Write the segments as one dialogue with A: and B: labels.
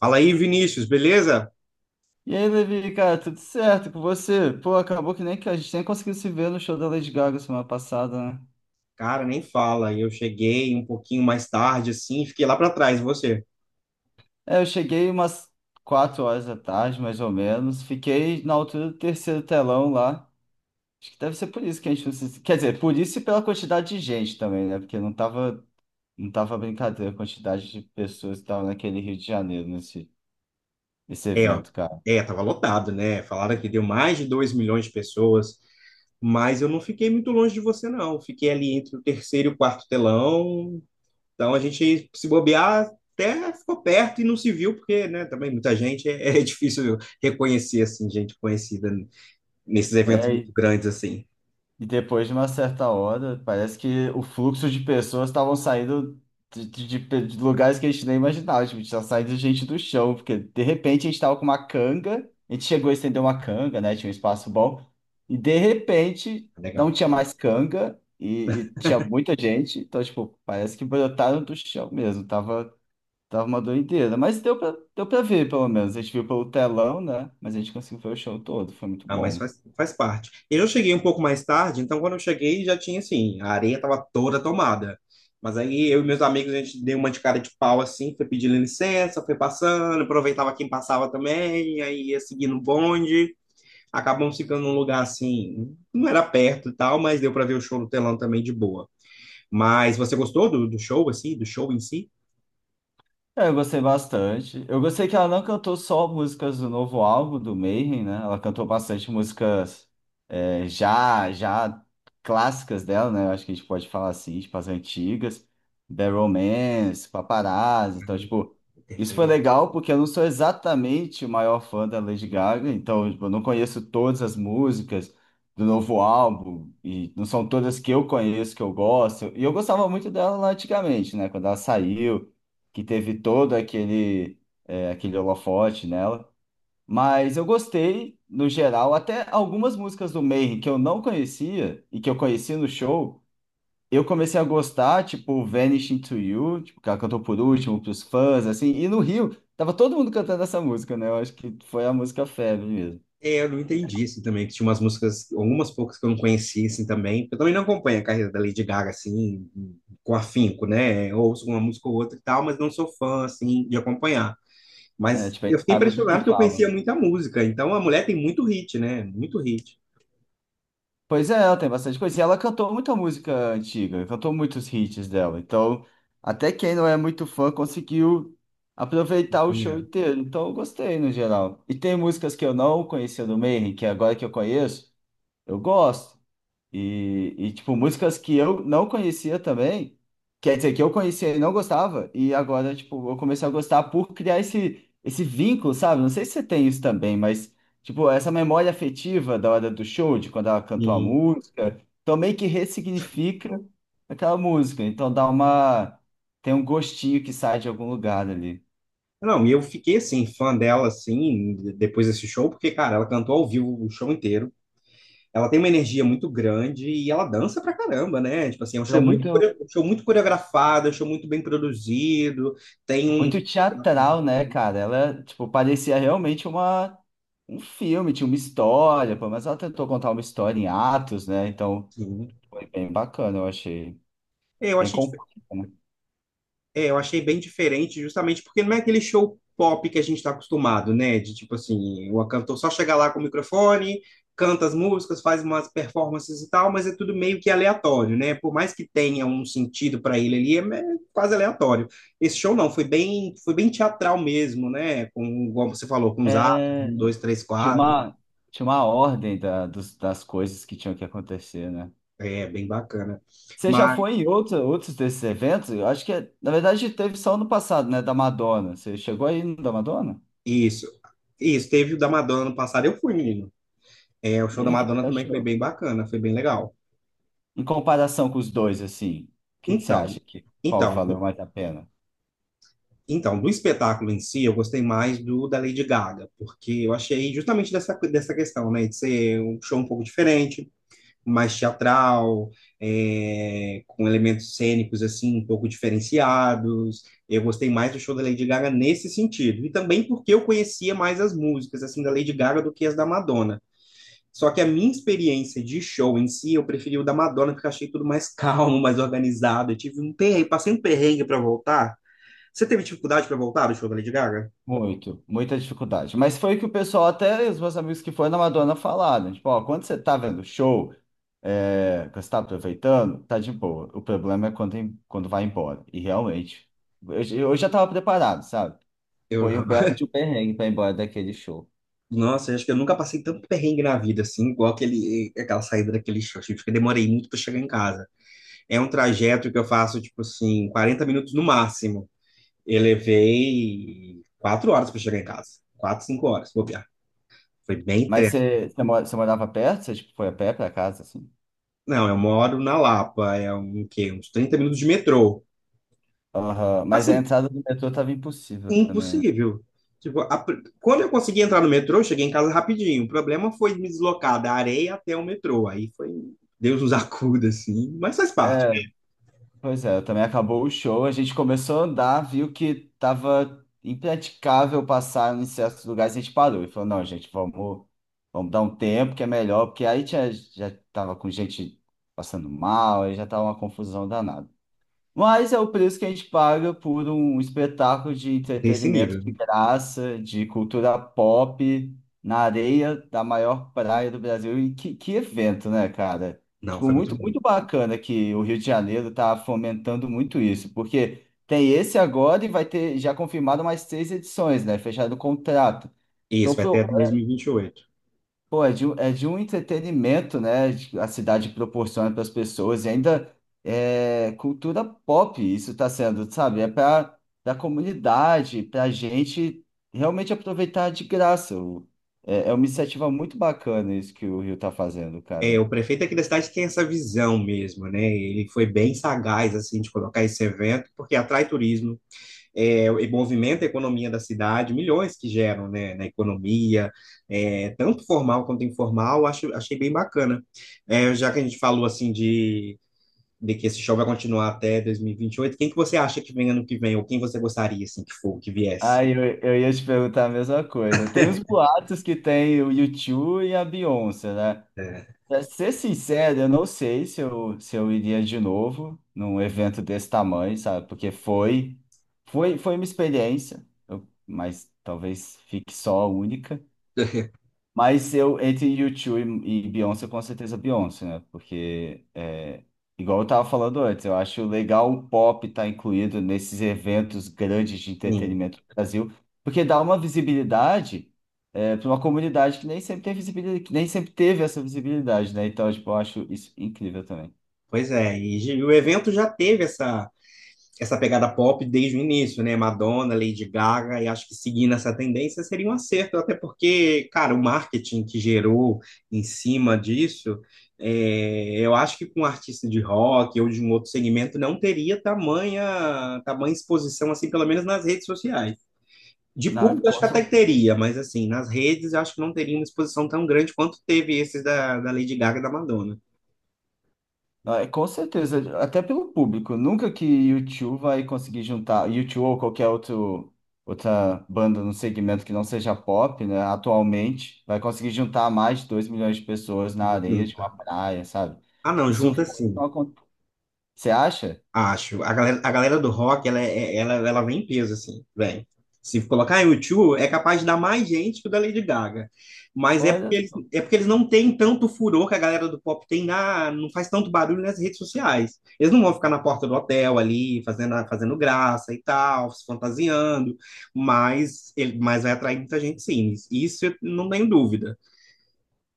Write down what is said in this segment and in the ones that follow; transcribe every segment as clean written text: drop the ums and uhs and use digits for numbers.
A: Fala aí, Vinícius, beleza?
B: E aí, Levi, cara, tudo certo com você? Pô, acabou que nem que a gente nem conseguiu se ver no show da Lady Gaga semana passada, né?
A: Cara, nem fala. Eu cheguei um pouquinho mais tarde, assim, fiquei lá para trás. E você?
B: É, eu cheguei umas 4 horas da tarde, mais ou menos. Fiquei na altura do terceiro telão lá. Acho que deve ser por isso que a gente não se... Quer dizer, por isso e pela quantidade de gente também, né? Porque não tava brincadeira a quantidade de pessoas que estavam naquele Rio de Janeiro nesse
A: É, ó.
B: evento, cara.
A: É, tava lotado, né? Falaram que deu mais de 2 milhões de pessoas, mas eu não fiquei muito longe de você, não. Fiquei ali entre o terceiro e o quarto telão. Então a gente se bobear até ficou perto e não se viu, porque, né, também muita gente é difícil reconhecer, assim, gente conhecida nesses eventos
B: É,
A: muito grandes, assim.
B: e depois de uma certa hora, parece que o fluxo de pessoas estavam saindo de lugares que a gente nem imaginava. Tipo, tinha saído gente do chão, porque de repente a gente estava com uma canga, a gente chegou a estender uma canga, né? Tinha um espaço bom. E de repente
A: Legal.
B: não tinha mais canga e tinha muita gente. Então, tipo, parece que brotaram do chão mesmo. Tava uma doideira. Mas deu pra ver, pelo menos. A gente viu pelo telão, né? Mas a gente conseguiu ver o show todo. Foi muito
A: Ah, mas
B: bom.
A: faz, faz parte. Eu cheguei um pouco mais tarde, então quando eu cheguei já tinha assim, a areia estava toda tomada. Mas aí eu e meus amigos, a gente deu uma de cara de pau assim, foi pedindo licença, foi passando, aproveitava quem passava também, aí ia seguindo o bonde. Acabamos ficando num lugar assim, não era perto e tal, mas deu para ver o show no telão também de boa. Mas você gostou do show, assim, do show em si?
B: É, eu gostei bastante. Eu gostei que ela não cantou só músicas do novo álbum do Mayhem, né? Ela cantou bastante músicas já clássicas dela, né? Eu acho que a gente pode falar assim, tipo as antigas, The Romance, Paparazzi, então,
A: Uhum.
B: tipo, isso foi
A: Perfeito.
B: legal porque eu não sou exatamente o maior fã da Lady Gaga, então, tipo, eu não conheço todas as músicas do novo álbum, e não são todas que eu conheço, que eu gosto, e eu gostava muito dela lá antigamente, né? Quando ela saiu, que teve todo aquele holofote nela. Mas eu gostei, no geral, até algumas músicas do Mayhem que eu não conhecia e que eu conheci no show, eu comecei a gostar, tipo Vanishing to You, tipo, que ela cantou por último, pros fãs, assim, e no Rio, tava todo mundo cantando essa música, né? Eu acho que foi a música febre mesmo.
A: É, eu não entendi isso também, que tinha umas músicas, algumas poucas que eu não conhecia, assim, também. Eu também não acompanho a carreira da Lady Gaga, assim, com afinco, né? Eu ouço uma música ou outra e tal, mas não sou fã, assim, de acompanhar.
B: É,
A: Mas
B: tipo, a
A: eu
B: gente
A: fiquei
B: sabe do
A: impressionado
B: que
A: porque eu
B: fala,
A: conhecia
B: né?
A: muita música. Então, a mulher tem muito hit, né? Muito hit.
B: Pois é, ela tem bastante coisa. E ela cantou muita música antiga, cantou muitos hits dela. Então, até quem não é muito fã conseguiu aproveitar o show
A: Combinado.
B: inteiro. Então, eu gostei no geral. E tem músicas que eu não conhecia do Mayhem, que agora que eu conheço, eu gosto. E, tipo, músicas que eu não conhecia também, quer dizer, que eu conhecia e não gostava, e agora, tipo, eu comecei a gostar por criar esse vínculo, sabe? Não sei se você tem isso também, mas, tipo, essa memória afetiva da hora do show, de quando ela cantou a música, também que ressignifica aquela música. Então dá uma. Tem um gostinho que sai de algum lugar ali.
A: Não, e eu fiquei assim, fã dela, assim, depois desse show, porque, cara, ela cantou ao vivo o show inteiro. Ela tem uma energia muito grande e ela dança pra caramba, né? Tipo assim, é um
B: Ela é
A: show muito,
B: muito,
A: um show muito coreografado, é um show muito bem produzido, tem um.
B: muito teatral, né, cara? Ela, tipo, parecia realmente uma um filme, tinha uma história, pô, mas ela tentou contar uma história em atos, né? Então
A: Sim.
B: foi bem bacana, eu achei.
A: Eu
B: Bem
A: achei
B: completo, né?
A: É, eu achei bem diferente, justamente porque não é aquele show pop que a gente está acostumado, né? De tipo assim, o cantor só chega lá com o microfone, canta as músicas, faz umas performances e tal, mas é tudo meio que aleatório, né? Por mais que tenha um sentido para ele ali, é quase aleatório. Esse show não, foi bem teatral mesmo, né? Com, como você falou, com os atos,
B: É,
A: um, dois, três,
B: tinha
A: quatro.
B: uma, tinha uma ordem das coisas que tinham que acontecer, né?
A: É, bem bacana.
B: Você já
A: Mas
B: foi em outros desses eventos? Eu acho que, na verdade, teve só no passado, né? Da Madonna. Você chegou aí no da Madonna?
A: isso, isso, teve o da Madonna no passado, eu fui, menino. É, o
B: E
A: show da
B: aí, o que
A: Madonna
B: você
A: também foi
B: achou?
A: bem bacana, foi bem legal.
B: Em comparação com os dois, assim, o que que você
A: Então,
B: acha que qual
A: então,
B: valeu
A: do-
B: mais a pena?
A: então, do espetáculo em si, eu gostei mais do da Lady Gaga, porque eu achei justamente dessa questão, né, de ser um show um pouco diferente, mais teatral, é, com elementos cênicos, assim, um pouco diferenciados. Eu gostei mais do show da Lady Gaga nesse sentido, e também porque eu conhecia mais as músicas, assim, da Lady Gaga do que as da Madonna. Só que a minha experiência de show em si, eu preferi o da Madonna, porque eu achei tudo mais calmo, mais organizado. Eu tive um perrengue, passei um perrengue para voltar. Você teve dificuldade para voltar do show da Lady Gaga?
B: Muita dificuldade. Mas foi o que o pessoal, até os meus amigos que foram na Madonna falaram. Tipo, ó, quando você tá vendo o show, é, que você tá aproveitando, tá de boa. O problema é quando vai embora. E realmente, eu, eu já tava preparado, sabe?
A: Eu.
B: Foi um belo de um perrengue pra ir embora daquele show.
A: Nossa, eu acho que eu nunca passei tanto perrengue na vida, assim, igual aquele, aquela saída daquele show. Tipo, que eu demorei muito para chegar em casa. É um trajeto que eu faço, tipo assim, 40 minutos no máximo. Eu levei 4 horas para chegar em casa. Quatro, cinco horas, vou bobear. Foi bem
B: Mas
A: treta.
B: você morava perto? Você, tipo, foi a pé pra casa, assim?
A: Não, eu moro na Lapa, é um quê? Uns 30 minutos de metrô.
B: Aham. Mas a
A: Assim,
B: entrada do metrô tava impossível também,
A: impossível. Tipo, quando eu consegui entrar no metrô, eu cheguei em casa rapidinho. O problema foi me deslocar da areia até o metrô. Aí foi, Deus nos acuda, assim. Mas faz parte, né?
B: né? Pois é, também acabou o show, a gente começou a andar, viu que tava impraticável passar em certos lugares, a gente parou e falou, não, gente, vamos, dar um tempo que é melhor, porque aí tinha, já tava com gente passando mal, aí já tava uma confusão danada. Mas é o preço que a gente paga por um espetáculo de
A: Desse
B: entretenimento de
A: nível.
B: graça, de cultura pop, na areia da maior praia do Brasil. E que evento, né, cara?
A: Não,
B: Tipo,
A: foi muito
B: muito,
A: bom.
B: muito bacana que o Rio de Janeiro tá fomentando muito isso, porque tem esse agora e vai ter já confirmado mais três edições, né? Fechado o contrato. Então,
A: Isso, vai até 2028.
B: pô, é de um entretenimento, né? A cidade proporciona para as pessoas e ainda é cultura pop, isso está sendo, sabe? É para a comunidade, para a gente realmente aproveitar de graça. É uma iniciativa muito bacana isso que o Rio está fazendo,
A: É,
B: cara.
A: o prefeito aqui da cidade tem essa visão mesmo, né? Ele foi bem sagaz, assim, de colocar esse evento, porque atrai turismo, é, e movimenta a economia da cidade, milhões que geram, né, na economia, é, tanto formal quanto informal, acho, achei bem bacana. É, já que a gente falou assim de que esse show vai continuar até dois mil e vinte e oito, quem que você acha que vem ano que vem, ou quem você gostaria assim que for, que
B: Ah,
A: viesse?
B: eu ia te perguntar a mesma coisa. Tem os boatos que tem o U2 e a Beyoncé, né?
A: É.
B: Pra ser sincero, eu não sei se eu iria de novo num evento desse tamanho, sabe? Porque foi uma experiência, mas talvez fique só a única. Mas eu, entre U2 e Beyoncé, com certeza Beyoncé, né? Porque, igual eu tava falando antes, eu acho legal o pop estar incluído nesses eventos grandes de
A: Sim,
B: entretenimento do Brasil, porque dá uma visibilidade, para uma comunidade que nem sempre tem visibilidade, que nem sempre teve essa visibilidade, né? Então, tipo, eu acho isso incrível também.
A: pois é, e o evento já teve essa pegada pop desde o início, né? Madonna, Lady Gaga, e acho que seguindo essa tendência seria um acerto, até porque, cara, o marketing que gerou em cima disso, é, eu acho que com um artista de rock ou de um outro segmento não teria tamanha, tamanha exposição, assim, pelo menos nas redes sociais. De
B: Na,
A: público, acho que até teria, mas assim, nas redes, acho que não teria uma exposição tão grande quanto teve esses da Lady Gaga e da Madonna.
B: Ah, é, com certeza, até pelo público. Nunca que U2 vai conseguir juntar U2 ou qualquer outra banda no segmento que não seja pop, né? Atualmente, vai conseguir juntar mais de 2 milhões de pessoas na areia de uma
A: Junta.
B: praia, sabe?
A: Ah, não,
B: Isso
A: junta
B: foi- não
A: sim.
B: acon- Você acha?
A: Acho. A galera do rock, ela, é- é, ela vem em peso, assim, vem. Se colocar U2, é capaz de dar mais gente que o da Lady Gaga. Mas é
B: Olha
A: porque eles,
B: só.
A: é porque eles não têm tanto furor que a galera do pop tem não faz tanto barulho nas redes sociais. Eles não vão ficar na porta do hotel ali, fazendo, fazendo graça e tal, se fantasiando, mas vai atrair muita gente, sim. Isso eu não tenho dúvida.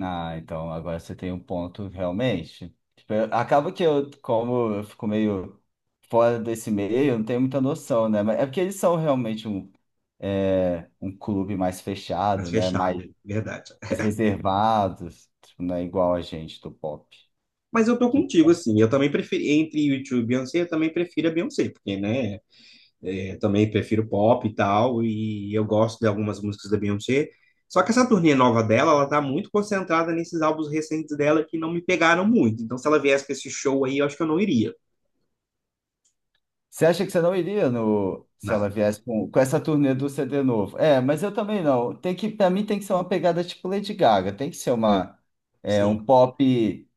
B: Ah, então agora você tem um ponto realmente. Tipo, acaba que eu, como eu fico meio fora desse meio, eu não tenho muita noção, né? Mas é porque eles são realmente um clube mais fechado,
A: Mas
B: né? Mais,
A: fechado, é verdade.
B: mais reservado, tipo, não é igual a gente do pop.
A: Mas eu tô
B: Que-
A: contigo, assim. Eu também prefiro, entre YouTube e Beyoncé, eu também prefiro a Beyoncé, porque, né? É, também prefiro pop e tal, e eu gosto de algumas músicas da Beyoncé. Só que essa turnê nova dela, ela tá muito concentrada nesses álbuns recentes dela que não me pegaram muito. Então, se ela viesse com esse show aí, eu acho que eu não iria.
B: Você acha que você não iria no, se ela
A: Não,
B: viesse com essa turnê do CD novo? É, mas eu também não. Tem que, para mim tem que ser uma pegada tipo Lady Gaga, tem que ser um
A: sim.
B: pop,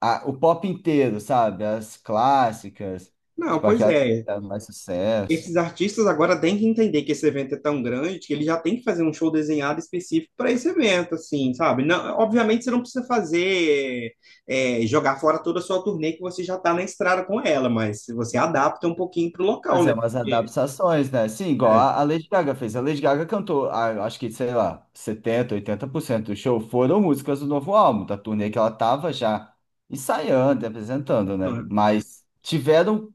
B: o pop inteiro, sabe? As clássicas,
A: Não,
B: tipo
A: pois
B: aquelas que
A: é.
B: fizeram mais sucesso.
A: Esses artistas agora têm que entender que esse evento é tão grande que ele já tem que fazer um show desenhado específico para esse evento, assim, sabe? Não, obviamente você não precisa fazer, é, jogar fora toda a sua turnê que você já tá na estrada com ela, mas você adapta um pouquinho pro local,
B: Fazer
A: né?
B: umas
A: Porque,
B: adaptações, né? Sim, igual
A: é,
B: a Lady Gaga fez. A Lady Gaga cantou, ah, eu acho que, sei lá, 70, 80% do show foram músicas do novo álbum, da turnê que ela tava já ensaiando, e apresentando,
A: não
B: né?
A: é?
B: Mas tiveram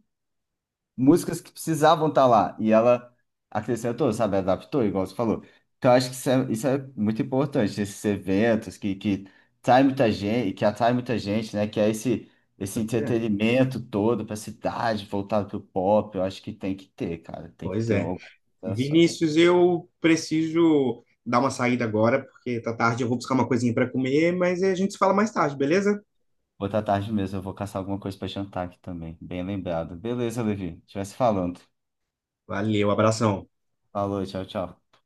B: músicas que precisavam estar lá. E ela acrescentou, sabe? Adaptou, igual você falou. Então, eu acho que isso é muito importante, esses eventos que atrai muita gente, que atrai muita gente, né? Que é esse
A: Pois é,
B: entretenimento todo para a cidade, voltado para o pop. Eu acho que tem que ter, cara. Tem que
A: pois
B: ter
A: é.
B: algumas ações.
A: Vinícius, eu preciso dar uma saída agora, porque tá tarde, eu vou buscar uma coisinha para comer, mas a gente se fala mais tarde, beleza?
B: Outra tarde mesmo, eu vou caçar alguma coisa para jantar aqui também. Bem lembrado. Beleza, Levi. A gente vai se falando.
A: Valeu, abração.
B: Falou, tchau, tchau.